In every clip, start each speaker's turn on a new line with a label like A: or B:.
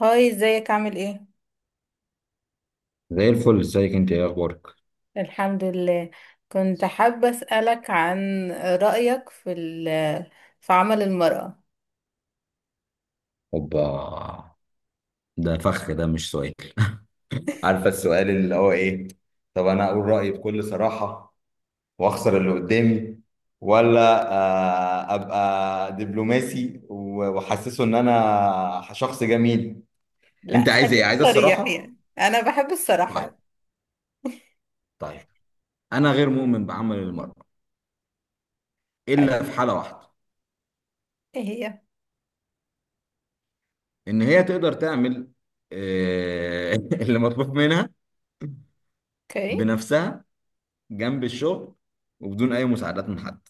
A: هاي، ازيك؟ عامل ايه؟
B: زي الفل، ازيك؟ انت ايه اخبارك؟
A: الحمد لله. كنت حابة أسألك عن رأيك في عمل المرأة.
B: اوبا! ده فخ، ده مش سؤال. عارفه السؤال اللي هو ايه. طب انا اقول رايي بكل صراحه واخسر اللي قدامي، ولا ابقى دبلوماسي واحسسه ان انا شخص جميل؟
A: لا،
B: انت عايز ايه؟
A: خليك
B: عايز
A: صريح،
B: الصراحه؟
A: يعني أنا بحب
B: طيب.
A: الصراحة.
B: طيب. انا غير مؤمن بعمل المرأة،
A: حلو.
B: الا في حاله واحده:
A: ايه هي؟
B: ان هي تقدر تعمل آه، اللي مطلوب منها
A: اوكي.
B: بنفسها، جنب الشغل، وبدون اي مساعدات من حد.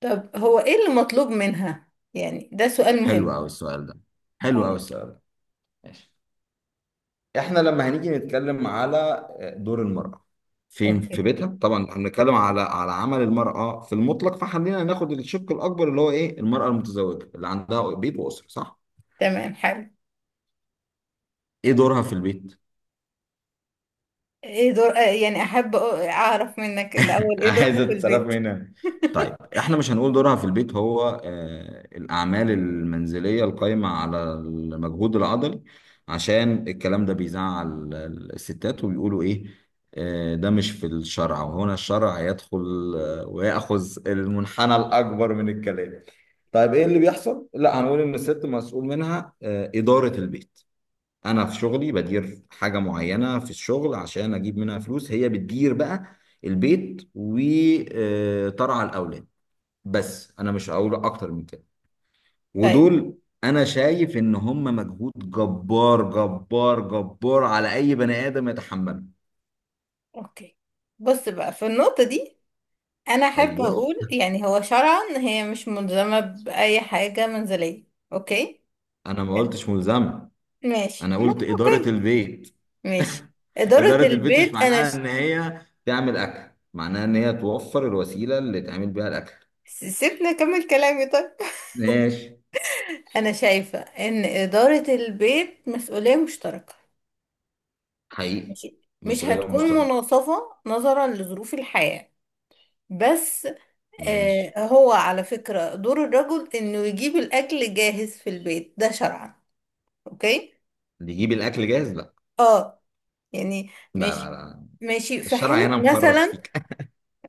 A: طب هو ايه اللي مطلوب منها؟ يعني ده سؤال
B: حلو
A: مهم.
B: قوي السؤال ده. حلو قوي
A: أيوة.
B: السؤال ده. ماشي. احنا لما هنيجي نتكلم على دور المرأة، فين؟ في
A: اوكي
B: بيتها طبعا. احنا بنتكلم على عمل المرأة في المطلق، فخلينا ناخد الشق الأكبر، اللي هو إيه؟ المرأة المتزوجة اللي عندها بيت وأسرة، صح؟
A: تمام. حلو.
B: إيه دورها في البيت؟
A: ايه دور آه، يعني أحب أعرف منك الأول، ايه دورها
B: عايزه
A: في
B: تتصرف
A: البيت؟
B: هنا. طيب، احنا مش هنقول دورها في البيت هو الاعمال المنزليه القائمه على المجهود العضلي، عشان الكلام ده بيزعل الستات، وبيقولوا ايه؟ ده مش في الشرع، وهنا الشرع يدخل ويأخذ المنحنى الأكبر من الكلام. طيب ايه اللي بيحصل؟ لا، هنقول ان الست مسؤول منها إدارة البيت. انا في شغلي بدير حاجه معينه في الشغل عشان اجيب منها فلوس، هي بتدير بقى البيت وترعى الاولاد. بس انا مش هقول اكتر من كده.
A: طيب.
B: ودول انا شايف ان هم مجهود جبار جبار جبار على اي بني ادم يتحمله.
A: اوكي. بص بقى، في النقطة دي انا احب
B: ايوه،
A: اقول يعني هو شرعا هي مش ملزمه باي حاجه منزليه. اوكي.
B: انا ما قلتش ملزمه،
A: ماشي
B: انا قلت اداره
A: اوكي.
B: البيت.
A: ماشي. اداره
B: اداره البيت مش
A: البيت انا
B: معناها ان هي تعمل اكل، معناها ان هي توفر الوسيله اللي تعمل بيها الاكل.
A: سيبني اكمل كلامي، طيب.
B: ماشي.
A: انا شايفه ان اداره البيت مسؤوليه مشتركه.
B: حقيقي.
A: ماشي. مش
B: مسؤوليه
A: هتكون
B: مشتركه.
A: مناصفه نظرا لظروف الحياه، بس. آه،
B: ماشي.
A: هو على فكره دور الرجل انه يجيب الاكل جاهز في البيت ده شرعا. اوكي.
B: بيجيب الاكل جاهز؟ لا،
A: اه، يعني،
B: لا، لا،
A: ماشي.
B: لا،
A: ماشي، في
B: الشرع
A: حالة
B: هنا مخرف
A: مثلا.
B: سيك.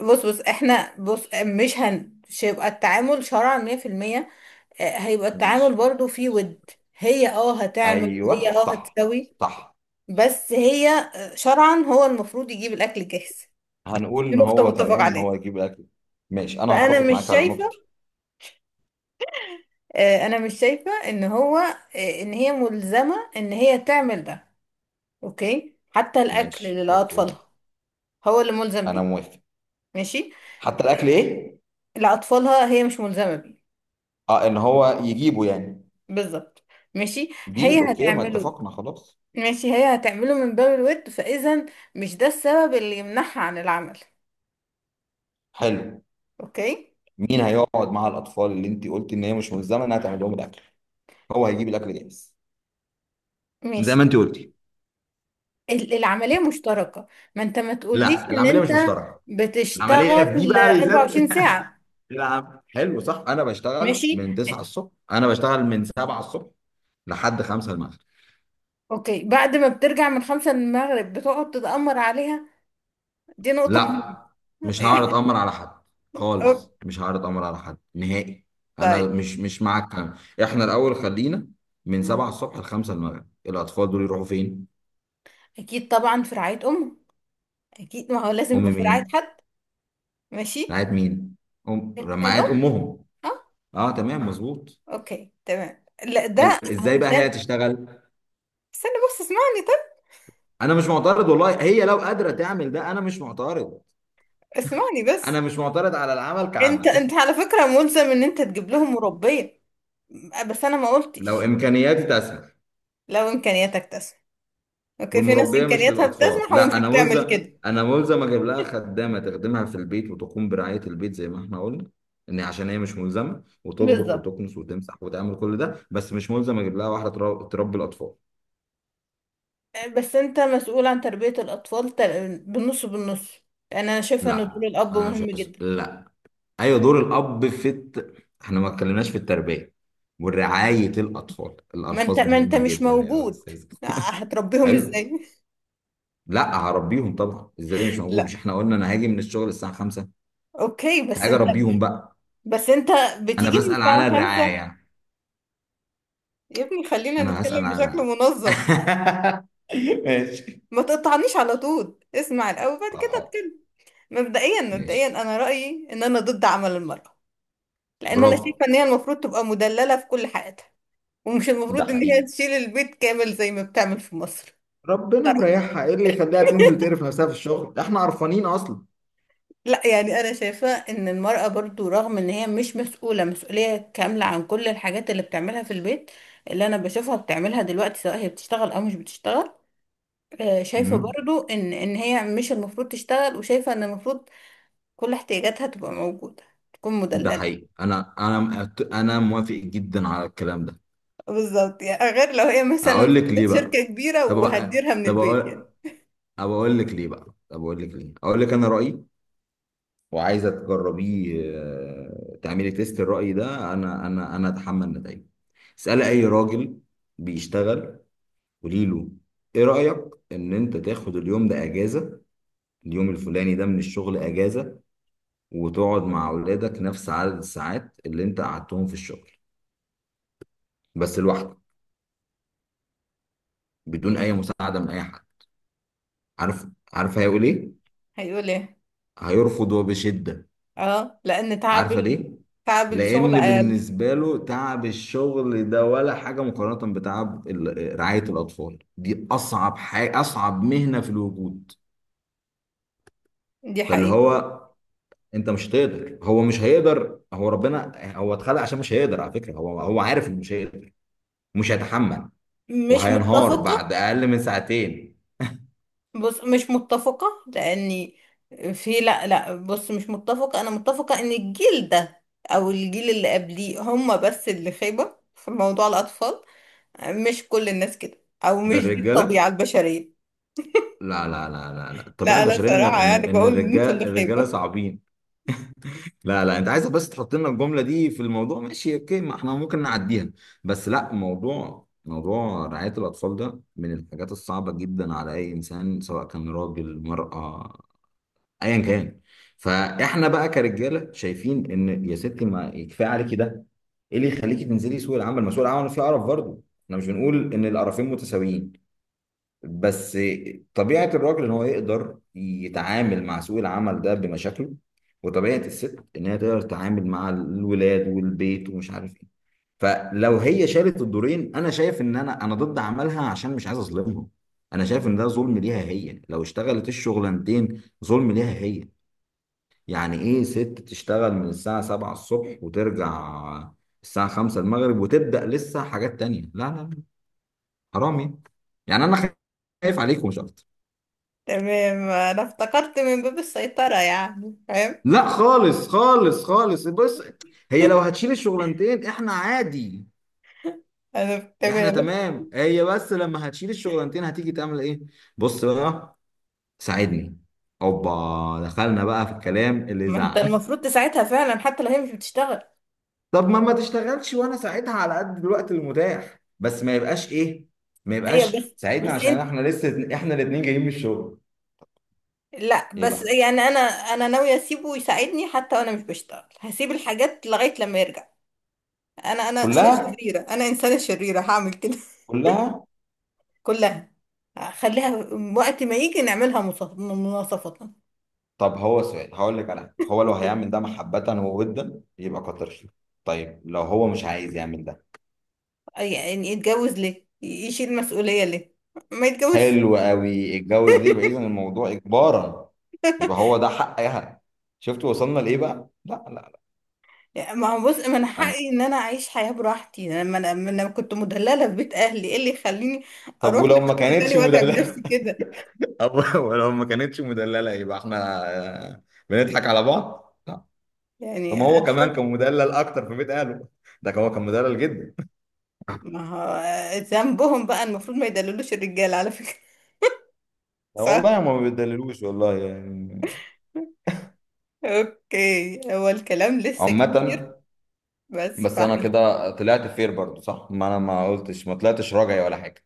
A: بص، بص احنا، بص مش هيبقى التعامل شرعا 100%. هيبقى التعامل
B: ماشي.
A: برضو فيه ود. هي هتعمل، هي
B: ايوه، صح.
A: هتسوي،
B: صح.
A: بس هي شرعا هو المفروض يجيب الأكل جاهز.
B: هنقول
A: دي
B: ان
A: نقطة
B: هو
A: متفق
B: تمام، ان
A: عليها.
B: هو يجيب الاكل. ماشي. انا
A: فأنا
B: هتفق
A: مش
B: معاك على النقطه دي.
A: شايفة، أنا مش شايفة إن هو آه، إن هي ملزمة إن هي تعمل ده. أوكي، حتى الأكل
B: ماشي، اوكي.
A: لأطفالها هو اللي ملزم
B: انا
A: بيه.
B: موافق.
A: ماشي.
B: حتى الاكل ايه؟
A: لأطفالها هي مش ملزمة بيه.
B: اه، ان هو يجيبه يعني.
A: بالظبط. ماشي.
B: ديل
A: هي
B: اوكي، ما
A: هتعمله.
B: اتفقنا خلاص.
A: ماشي، هي هتعمله من باب الود، فإذا مش ده السبب اللي يمنعها عن العمل.
B: حلو.
A: اوكي.
B: مين هيقعد مع الاطفال، اللي انت قلت ان هي مش ملزمه انها تعمل لهم الاكل؟ هو هيجيب الاكل جاهز زي ما
A: ماشي.
B: انت قلتي.
A: العملية مشتركة. ما انت ما تقوليش
B: لا،
A: ان
B: العمليه مش
A: انت
B: مشتركه، العمليه في دي
A: بتشتغل
B: بقى بالذات.
A: 24 ساعة.
B: حلو صح، انا بشتغل
A: ماشي.
B: من 9 الصبح، انا بشتغل من 7 الصبح لحد 5 المغرب.
A: اوكي، بعد ما بترجع من 5 المغرب بتقعد تتأمر عليها. دي نقطة مهمة.
B: لا، مش هعرض
A: يعني
B: امر على حد
A: أوك-
B: خالص، مش هعرض امر على حد نهائي. انا
A: طيب.
B: مش مع الكلام. احنا الاول خلينا. من 7 الصبح ل 5 المغرب، الاطفال دول يروحوا فين؟
A: اكيد طبعا، في رعاية امه. اكيد، ما هو لازم
B: ام
A: يبقى في رعاية
B: مين؟
A: حد. ماشي،
B: رعايه مين؟ ام؟ رعايه
A: الام.
B: امهم؟
A: آه.
B: اه، تمام، مظبوط.
A: اوكي تمام. لا،
B: حلو.
A: ده
B: ازاي بقى هي
A: علشان
B: تشتغل؟
A: استنى بس، اسمعني طب.
B: انا مش معترض والله، هي لو قادره تعمل ده انا مش معترض.
A: اسمعني
B: انا
A: بس.
B: مش معترض على العمل
A: انت
B: كعمل،
A: انت على فكرة ملزم ان انت تجيب لهم مربية. بس انا ما
B: لو
A: قلتش.
B: امكانياتي تسمح.
A: لو امكانياتك تسمح اوكي، في ناس
B: والمربيه مش
A: امكانياتها
B: للاطفال،
A: بتسمح ومش
B: لا انا
A: بتعمل
B: ملزم،
A: كده.
B: انا ملزم اجيب لها خدامه تخدمها في البيت وتقوم برعايه البيت زي ما احنا قلنا، ان عشان هي مش ملزمه وتطبخ
A: بالظبط.
B: وتكنس وتمسح وتعمل كل ده. بس مش ملزم اجيب لها واحده تربي الاطفال.
A: بس انت مسؤول عن تربية الاطفال، بالنص بالنص. لان انا شايفة ان دور
B: لا،
A: الاب
B: انا مش
A: مهم
B: هس-
A: جدا.
B: لا. ايوه دور الاب في احنا ما اتكلمناش في التربيه ورعايه الاطفال.
A: ما انت
B: الالفاظ
A: ما انت
B: مهمه
A: مش
B: جدا يا
A: موجود،
B: استاذ.
A: هتربيهم
B: حلو.
A: ازاي؟
B: لا، هربيهم طبعا. ازاي مش موجود؟ مش
A: لا.
B: احنا قلنا انا هاجي من الشغل الساعه 5؟
A: اوكي بس
B: هاجي
A: انت
B: اربيهم بقى.
A: بس انت
B: انا
A: بتيجي من
B: بسأل على
A: الساعة
B: الرعايه
A: خمسة
B: يعني.
A: يا ابني خلينا
B: انا هسأل
A: نتكلم
B: على
A: بشكل
B: الرعايه.
A: منظم.
B: ماشي.
A: ما تقطعنيش على طول، اسمع الاول بعد
B: طب
A: كده
B: حاضر.
A: اتكلم. مبدئيا مبدئيا
B: ماشي.
A: انا رايي ان انا ضد عمل المراه، لان انا
B: برافو.
A: شايفه ان هي المفروض تبقى مدلله في كل حياتها، ومش
B: ده
A: المفروض ان هي
B: حقيقي،
A: تشيل البيت كامل زي ما بتعمل في مصر.
B: ربنا مريحها، ايه اللي يخليها تنزل تقرف نفسها في الشغل؟ احنا قرفانين اصلا.
A: لا، يعني انا شايفه ان المراه برضو رغم ان هي مش مسؤوله مسؤوليه كامله عن كل الحاجات اللي بتعملها في البيت، اللي انا بشوفها بتعملها دلوقتي سواء هي بتشتغل او مش بتشتغل، شايفه
B: مم.
A: برضو ان هي مش المفروض تشتغل، وشايفه ان المفروض كل احتياجاتها تبقى موجودة، تكون
B: ده
A: مدللة.
B: حقيقي. انا موافق جدا على الكلام ده.
A: بالظبط، يعني غير لو هي مثلا
B: اقول لك ليه بقى؟
A: شركة كبيرة
B: طب أ-
A: وهتديرها من
B: طب
A: البيت،
B: اقول
A: يعني.
B: طب اقول لك ليه، اقول لك انا رأيي، وعايزه تجربيه تعملي تيست الرأي ده، انا اتحمل نتائجه. اسالي اي راجل بيشتغل، قولي له: ايه رأيك ان انت تاخد اليوم ده اجازة، اليوم الفلاني ده من الشغل اجازة، وتقعد مع اولادك نفس عدد الساعات اللي انت قعدتهم في الشغل، بس لوحدك، بدون اي
A: اوكي.
B: مساعدة من اي حد. عارف عارف هيقول ايه؟
A: هيقول ايه؟
B: هيرفض وبشدة.
A: اه، لان
B: عارفة ليه؟
A: تعب الشغل
B: لأن
A: اقل.
B: بالنسبة له تعب الشغل ده ولا حاجة، مقارنة بتعب رعاية الأطفال. دي أصعب حاجة، أصعب مهنة في الوجود.
A: دي
B: فاللي
A: حقيقة.
B: هو أنت مش هتقدر هو مش هيقدر، هو اتخلق عشان مش هيقدر. على فكرة هو عارف إنه مش هيقدر، مش هيتحمل،
A: مش
B: وهينهار
A: متفقة.
B: بعد أقل من ساعتين.
A: بص مش متفقة، لاني لا لا، بص مش متفقة. انا متفقة ان الجيل ده او الجيل اللي قبليه هم بس اللي خيبة في موضوع الاطفال. مش كل الناس كده، او
B: ده
A: مش دي
B: الرجالة.
A: الطبيعة البشرية.
B: لا، لا، لا، لا، لا، الطبيعة
A: لا لا،
B: البشرية إن
A: صراحة
B: إن
A: يعني
B: إن
A: بقول ان انتوا
B: الرجال
A: اللي
B: الرجالة
A: خايبة.
B: صعبين. لا، لا، انت عايزك بس تحط لنا الجمله دي في الموضوع. ماشي اوكي، ما احنا ممكن نعديها. بس لا، موضوع رعايه الاطفال ده من الحاجات الصعبه جدا على اي انسان، سواء كان راجل مرأة، ايا كان. فاحنا بقى كرجاله شايفين ان يا ستي ما يكفي عليكي ده؟ ايه اللي يخليكي تنزلي سوق العمل؟ ما سوق العمل فيه قرف برضه. احنا مش بنقول ان القرفين متساويين، بس طبيعة الراجل ان هو يقدر يتعامل مع سوق العمل ده بمشاكله، وطبيعة الست ان هي تقدر تتعامل مع الولاد والبيت ومش عارف ايه. فلو هي شالت الدورين، انا شايف ان انا ضد عملها عشان مش عايز اظلمهم. انا شايف ان ده ظلم ليها، هي لو اشتغلت الشغلانتين، ظلم ليها هي. يعني ايه ست تشتغل من الساعة 7 الصبح وترجع الساعة 5 المغرب وتبدأ لسه حاجات تانية؟ لا، لا، لا، حرام يعني انا خايف عليكم مش اكتر.
A: تمام، انا افتكرت من باب السيطرة، يعني فاهم.
B: لا، خالص خالص خالص. بص، هي لو هتشيل الشغلانتين احنا عادي،
A: انا
B: احنا
A: تمام.
B: تمام. هي بس لما هتشيل الشغلانتين هتيجي تعمل ايه؟ بص بقى، ساعدني. اوبا، دخلنا بقى في الكلام اللي
A: ما انت
B: يزعل.
A: المفروض تساعدها فعلا حتى لو هي مش بتشتغل.
B: طب ما تشتغلش، وانا ساعدها على قد الوقت المتاح. بس ما يبقاش ايه، ما
A: ايوه،
B: يبقاش
A: بس
B: ساعدنا،
A: بس
B: عشان
A: انت،
B: احنا لسه، احنا الاتنين جايين من الشغل.
A: لا
B: ايه
A: بس
B: بقى؟
A: يعني انا ناوية اسيبه يساعدني حتى وانا مش بشتغل، هسيب الحاجات لغاية لما يرجع. انا
B: كلها،
A: شريرة، انا انسانة شريرة هعمل كده.
B: كلها.
A: كلها. خليها وقت ما يجي نعملها مناصفة.
B: طب هو سؤال هقول لك على حاجة. هو لو هيعمل ده محبة وودا يبقى كتر خيره. طيب لو هو مش عايز يعمل ده؟
A: يعني يتجوز ليه؟ يشيل مسؤولية ليه؟ ما يتجوز.
B: حلو قوي، اتجوز ليه يبقى اذا الموضوع اجبارا؟ يبقى هو ده حقها. شفت وصلنا لايه بقى؟ لا، لا، لا،
A: ما هو بص، من
B: انا
A: حقي ان انا اعيش حياة براحتي. انا ما انا ما أنا كنت مدللة في بيت اهلي، ايه اللي يخليني
B: طب
A: اروح
B: ولو ما
A: لحد
B: كانتش
A: تاني واتعب نفسي
B: مدللة؟
A: كده؟
B: أو، ولو ما كانتش مدللة يبقى احنا آه، بنضحك على بعض؟ لا. طب
A: يعني
B: ما هو
A: هنشوف.
B: كمان كان مدلل اكتر في بيت اهله، ده هو كان مدلل جدا.
A: ما هو ذنبهم بقى، المفروض ما يدللوش الرجال على فكرة.
B: لا
A: صح.
B: والله ما بيدللوش والله يعني.
A: اوكي، هو الكلام لسه
B: عامة.
A: كتير بس،
B: بس انا
A: فاحنا،
B: كده طلعت فير برضو صح، ما انا ما قلتش ما طلعتش راجعي ولا حاجه.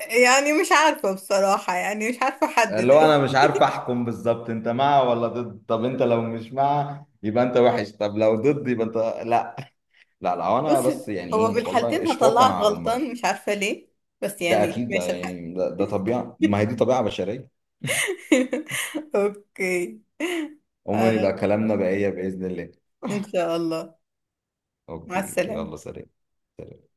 A: يعني مش عارفة بصراحة، يعني مش عارفة احدد.
B: اللي هو انا مش عارف احكم بالظبط، انت مع ولا ضد؟ طب انت لو مش مع يبقى انت وحش، طب لو ضد يبقى انت. لا، لا، لا، هو انا
A: بص،
B: بس يعني
A: هو في
B: ايه والله،
A: الحالتين
B: اشفاقا
A: هطلعك
B: على المرأة.
A: غلطان مش عارفة ليه، بس
B: ده
A: يعني
B: اكيد، ده
A: ماشي الحال.
B: يعني ده طبيعه، ما هي دي طبيعه بشريه.
A: اوكي. آه،
B: عموما يبقى كلامنا بقية باذن الله.
A: ان شاء الله. مع
B: اوكي،
A: السلامة.
B: يلا سلام.